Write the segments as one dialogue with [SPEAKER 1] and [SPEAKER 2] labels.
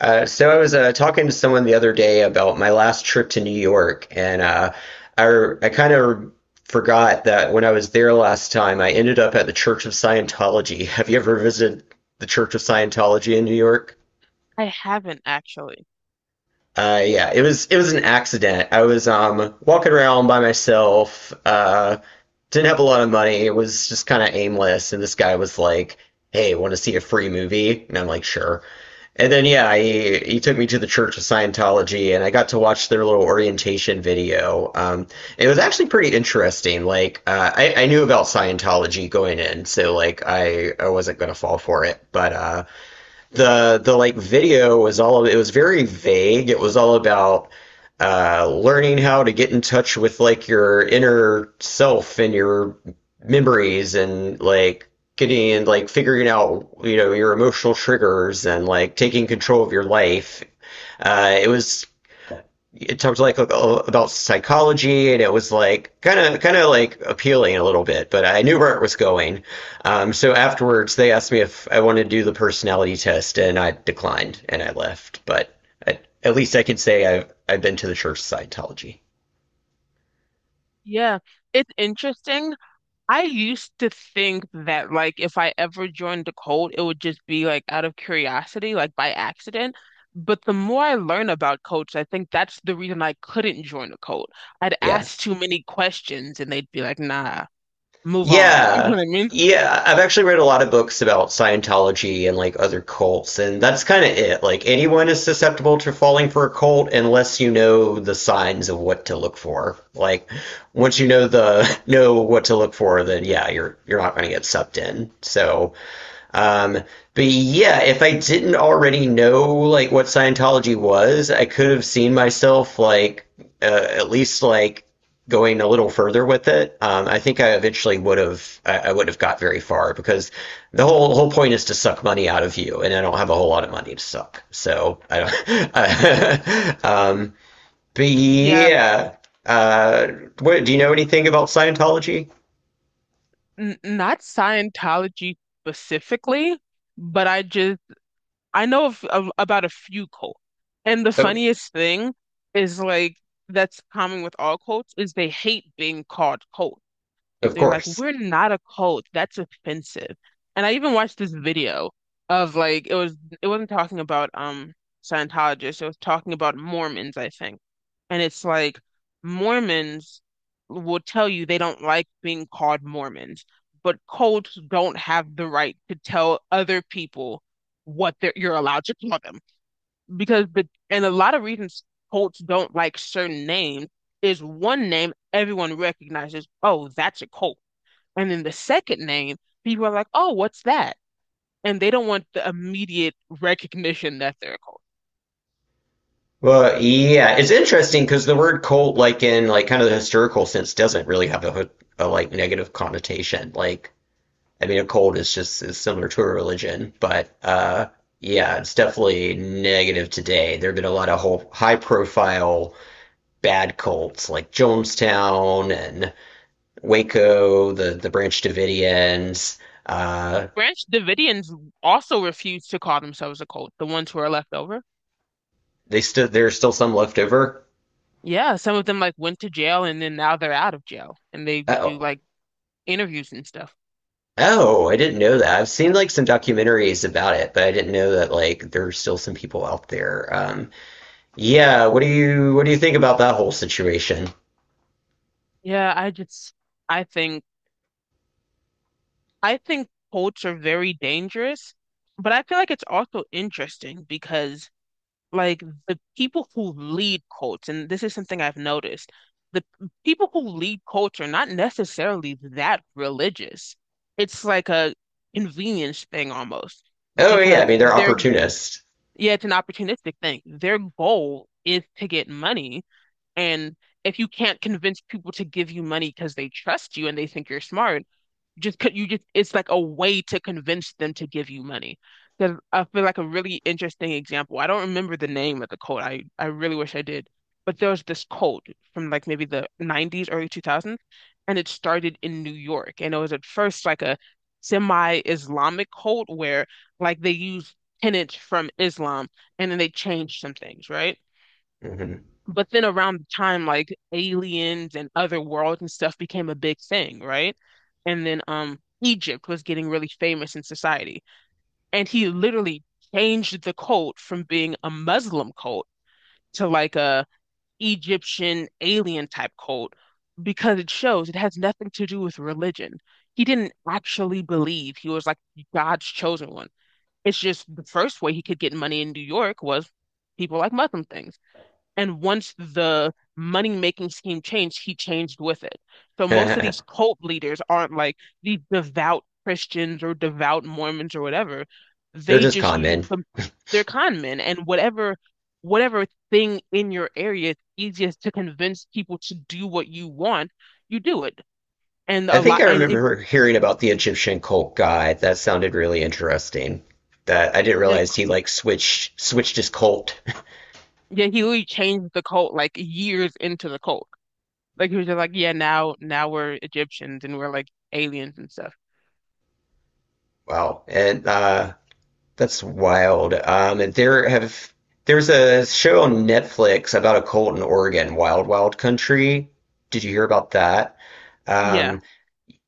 [SPEAKER 1] So I was talking to someone the other day about my last trip to New York, and I kind of forgot that when I was there last time, I ended up at the Church of Scientology. Have you ever visited the Church of Scientology in New York?
[SPEAKER 2] I haven't actually.
[SPEAKER 1] Yeah, it was an accident. I was walking around by myself. Didn't have a lot of money. It was just kind of aimless. And this guy was like, "Hey, want to see a free movie?" And I'm like, "Sure." And then yeah, he took me to the Church of Scientology, and I got to watch their little orientation video. It was actually pretty interesting. Like I knew about Scientology going in, so like I wasn't gonna fall for it, but the like video was all It was very vague. It was all about learning how to get in touch with like your inner self and your memories and like getting and like figuring out your emotional triggers and like taking control of your life. Uh, it was it talked like, oh, about psychology and it was like kind of like appealing a little bit, but I knew where it was going. So afterwards they asked me if I wanted to do the personality test and I declined and I left, but at least I can say I've been to the Church of Scientology.
[SPEAKER 2] Yeah, it's interesting. I used to think that like if I ever joined the cult, it would just be like out of curiosity, like by accident. But the more I learn about cults, I think that's the reason I couldn't join a cult. I'd
[SPEAKER 1] Yeah.
[SPEAKER 2] ask too many questions and they'd be like, nah, move on. You know
[SPEAKER 1] Yeah.
[SPEAKER 2] what I mean?
[SPEAKER 1] Yeah, I've actually read a lot of books about Scientology and like other cults, and that's kind of it. Like anyone is susceptible to falling for a cult unless you know the signs of what to look for. Like once you know the know what to look for, then yeah, you're not going to get sucked in. Um, but yeah, if I didn't already know like what Scientology was, I could have seen myself like at least like going a little further with it. I think I eventually would have I would have got very far because the whole point is to suck money out of you, and I don't have a whole lot of money to suck, so I don't. But
[SPEAKER 2] Yeah,
[SPEAKER 1] yeah, uh, do you know anything about Scientology?
[SPEAKER 2] n not Scientology specifically, but I just I know of about a few cults. And the
[SPEAKER 1] Oh,
[SPEAKER 2] funniest thing is like that's common with all cults is they hate being called cult.
[SPEAKER 1] of
[SPEAKER 2] They're like,
[SPEAKER 1] course.
[SPEAKER 2] we're not a cult. That's offensive. And I even watched this video of like it wasn't talking about Scientologists. It was talking about Mormons, I think. And it's like Mormons will tell you they don't like being called Mormons, but cults don't have the right to tell other people what you're allowed to call them. And a lot of reasons cults don't like certain names is one name everyone recognizes, oh, that's a cult. And then the second name, people are like, oh, what's that? And they don't want the immediate recognition that they're a cult.
[SPEAKER 1] Well, yeah, it's interesting because the word cult, like in like kind of the historical sense, doesn't really have a like negative connotation. Like, I mean, a cult is just is similar to a religion, but yeah, it's definitely negative today. There have been a lot of whole high profile bad cults like Jonestown and Waco, the Branch Davidians. Uh,
[SPEAKER 2] Branch Davidians also refused to call themselves a cult, the ones who are left over.
[SPEAKER 1] they still There's still some left over.
[SPEAKER 2] Yeah, some of them like went to jail and then now they're out of jail and they do
[SPEAKER 1] Uh,
[SPEAKER 2] like interviews and stuff.
[SPEAKER 1] Oh, I didn't know that. I've seen like some documentaries about it, but I didn't know that like there's still some people out there. Yeah, what do you think about that whole situation?
[SPEAKER 2] Yeah, I just I think I think cults are very dangerous, but I feel like it's also interesting because like the people who lead cults, and this is something I've noticed, the people who lead cults are not necessarily that religious. It's like a convenience thing almost
[SPEAKER 1] Oh yeah, I
[SPEAKER 2] because
[SPEAKER 1] mean they're
[SPEAKER 2] they're
[SPEAKER 1] opportunists.
[SPEAKER 2] yeah, it's an opportunistic thing. Their goal is to get money, and if you can't convince people to give you money because they trust you and they think you're smart, just could you just it's like a way to convince them to give you money. Because I feel like a really interesting example. I don't remember the name of the cult. I really wish I did. But there was this cult from like maybe the 90s, early 2000s, and it started in New York. And it was at first like a semi-Islamic cult where like they used tenets from Islam and then they changed some things, right?
[SPEAKER 1] Hmm.
[SPEAKER 2] But then around the time like aliens and other worlds and stuff became a big thing, right? And then Egypt was getting really famous in society. And he literally changed the cult from being a Muslim cult to like a Egyptian alien type cult because it shows it has nothing to do with religion. He didn't actually believe he was like God's chosen one. It's just the first way he could get money in New York was people like Muslim things. And once the money making scheme changed, he changed with it. So most of
[SPEAKER 1] They're
[SPEAKER 2] these cult leaders aren't like these devout Christians or devout Mormons or whatever. They
[SPEAKER 1] just
[SPEAKER 2] just
[SPEAKER 1] con
[SPEAKER 2] use
[SPEAKER 1] men.
[SPEAKER 2] some they're con men and whatever thing in your area it's easiest to convince people to do what you want, you do it. And
[SPEAKER 1] I
[SPEAKER 2] a
[SPEAKER 1] think
[SPEAKER 2] lot
[SPEAKER 1] I
[SPEAKER 2] and if
[SPEAKER 1] remember hearing about the Egyptian cult guy. That sounded really interesting. That I didn't
[SPEAKER 2] like
[SPEAKER 1] realize he like switched his cult.
[SPEAKER 2] yeah, he really changed the cult like years into the cult. Like he was just like, yeah, now we're Egyptians and we're like aliens and stuff.
[SPEAKER 1] Wow. And that's wild. And there have There's a show on Netflix about a cult in Oregon, Wild Wild Country. Did you hear about that?
[SPEAKER 2] Yeah.
[SPEAKER 1] Um,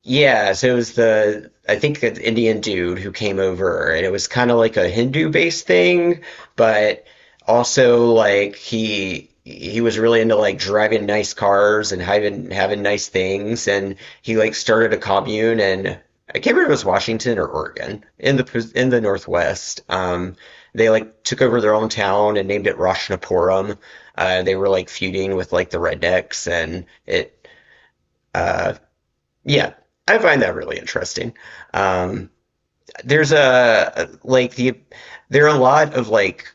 [SPEAKER 1] yeah, so it was the I think the Indian dude who came over, and it was kind of like a Hindu-based thing, but also like he was really into like driving nice cars and having nice things, and he like started a commune, and I can't remember if it was Washington or Oregon in the Northwest. They like took over their own town and named it Roshnapuram. They were like feuding with like the rednecks, and it uh, yeah, I find that really interesting. Um, there's a like the there are a lot of like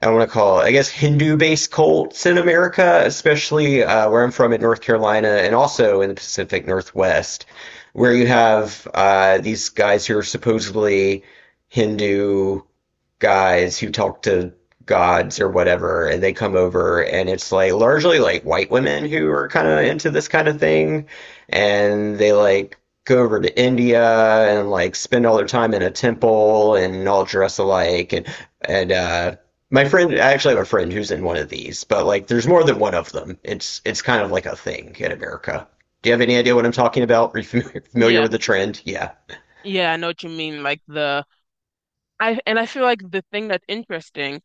[SPEAKER 1] I want to call it, I guess, Hindu-based cults in America, especially where I'm from in North Carolina and also in the Pacific Northwest, where you have these guys who are supposedly Hindu guys who talk to gods or whatever, and they come over, and it's like largely like white women who are kind of into this kind of thing, and they like go over to India and like spend all their time in a temple and all dress alike, and and uh, my friend, I actually have a friend who's in one of these, but like there's more than one of them. It's kind of like a thing in America. Do you have any idea what I'm talking about? Are you familiar
[SPEAKER 2] Yeah.
[SPEAKER 1] with the trend? Yeah.
[SPEAKER 2] Yeah, I know what you mean. Like the I and I feel like the thing that's interesting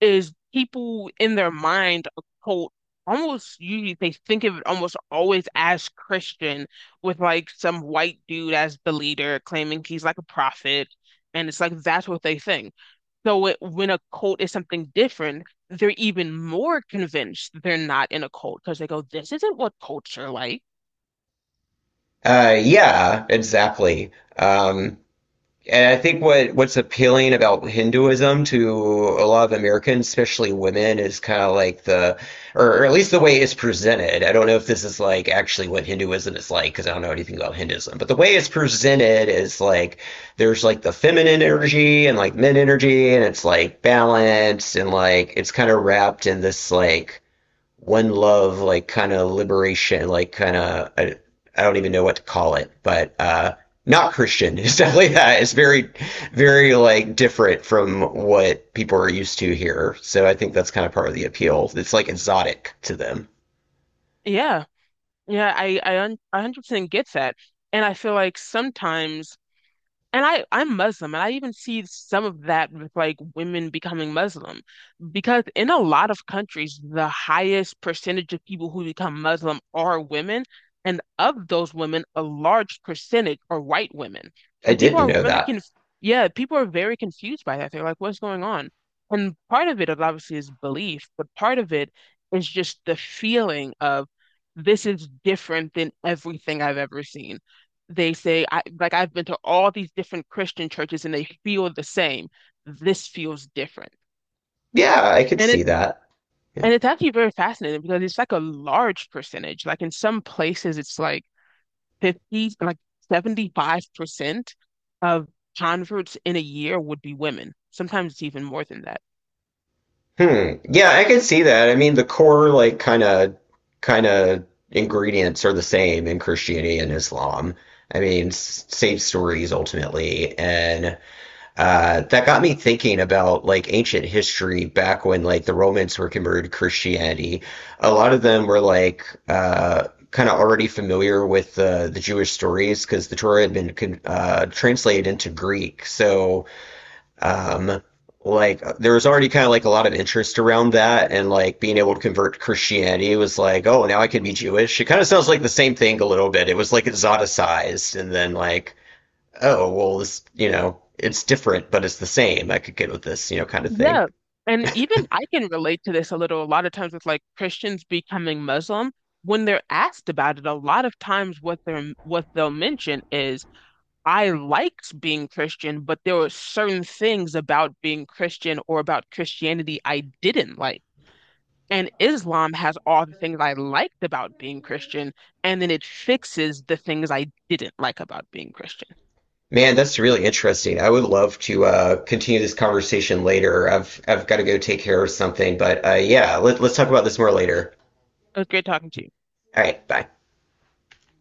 [SPEAKER 2] is people in their mind occult almost usually they think of it almost always as Christian with like some white dude as the leader claiming he's like a prophet and it's like that's what they think. So it, when a cult is something different, they're even more convinced that they're not in a cult because they go, this isn't what cults are like.
[SPEAKER 1] Yeah, exactly. Um, And I think what's appealing about Hinduism to a lot of Americans, especially women, is kind of like the, or at least the way it's presented. I don't know if this is like actually what Hinduism is like because I don't know anything about Hinduism, but the way it's presented is like there's like the feminine energy and like men energy, and it's like balanced and like it's kind of wrapped in this like one love like kind of liberation like kind of I don't even know what to call it, but not Christian. It's definitely that. It's very like different from what people are used to here, so I think that's kind of part of the appeal. It's like exotic to them.
[SPEAKER 2] Yeah. Yeah, I 100% get that. And I feel like sometimes I'm Muslim, and I even see some of that with like women becoming Muslim, because in a lot of countries, the highest percentage of people who become Muslim are women, and of those women, a large percentage are white women.
[SPEAKER 1] I
[SPEAKER 2] And people
[SPEAKER 1] didn't
[SPEAKER 2] are
[SPEAKER 1] know
[SPEAKER 2] really
[SPEAKER 1] that.
[SPEAKER 2] conf yeah, people are very confused by that. They're like, what's going on? And part of it is obviously is belief, but part of it is just the feeling of this is different than everything I've ever seen they say I like I've been to all these different Christian churches and they feel the same. This feels different.
[SPEAKER 1] Yeah, I could
[SPEAKER 2] And
[SPEAKER 1] see
[SPEAKER 2] it
[SPEAKER 1] that. Yeah.
[SPEAKER 2] and it's actually very fascinating because it's like a large percentage. Like in some places it's like 50 like 75% of converts in a year would be women. Sometimes it's even more than that.
[SPEAKER 1] Hmm, yeah, I could see that. I mean the core like kind of ingredients are the same in Christianity and Islam. I mean, same stories ultimately, and that got me thinking about like ancient history back when like the Romans were converted to Christianity. A lot of them were like kind of already familiar with the Jewish stories because the Torah had been con translated into Greek. Um, like there was already kind of like a lot of interest around that, and like being able to convert to Christianity was like, oh, now I can be Jewish. It kind of sounds like the same thing a little bit. It was like exoticized, and then like, oh, well, this, you know, it's different, but it's the same. I could get with this, you know, kind of thing.
[SPEAKER 2] Yeah. And even I can relate to this a little. A lot of times with like Christians becoming Muslim, when they're asked about it, a lot of times what they're what they'll mention is I liked being Christian, but there were certain things about being Christian or about Christianity I didn't like. And Islam has all the things I liked about being Christian, and then it fixes the things I didn't like about being Christian.
[SPEAKER 1] Man, that's really interesting. I would love to continue this conversation later. I've got to go take care of something, but yeah, let's talk about this more later.
[SPEAKER 2] It was great talking to you.
[SPEAKER 1] All right, bye.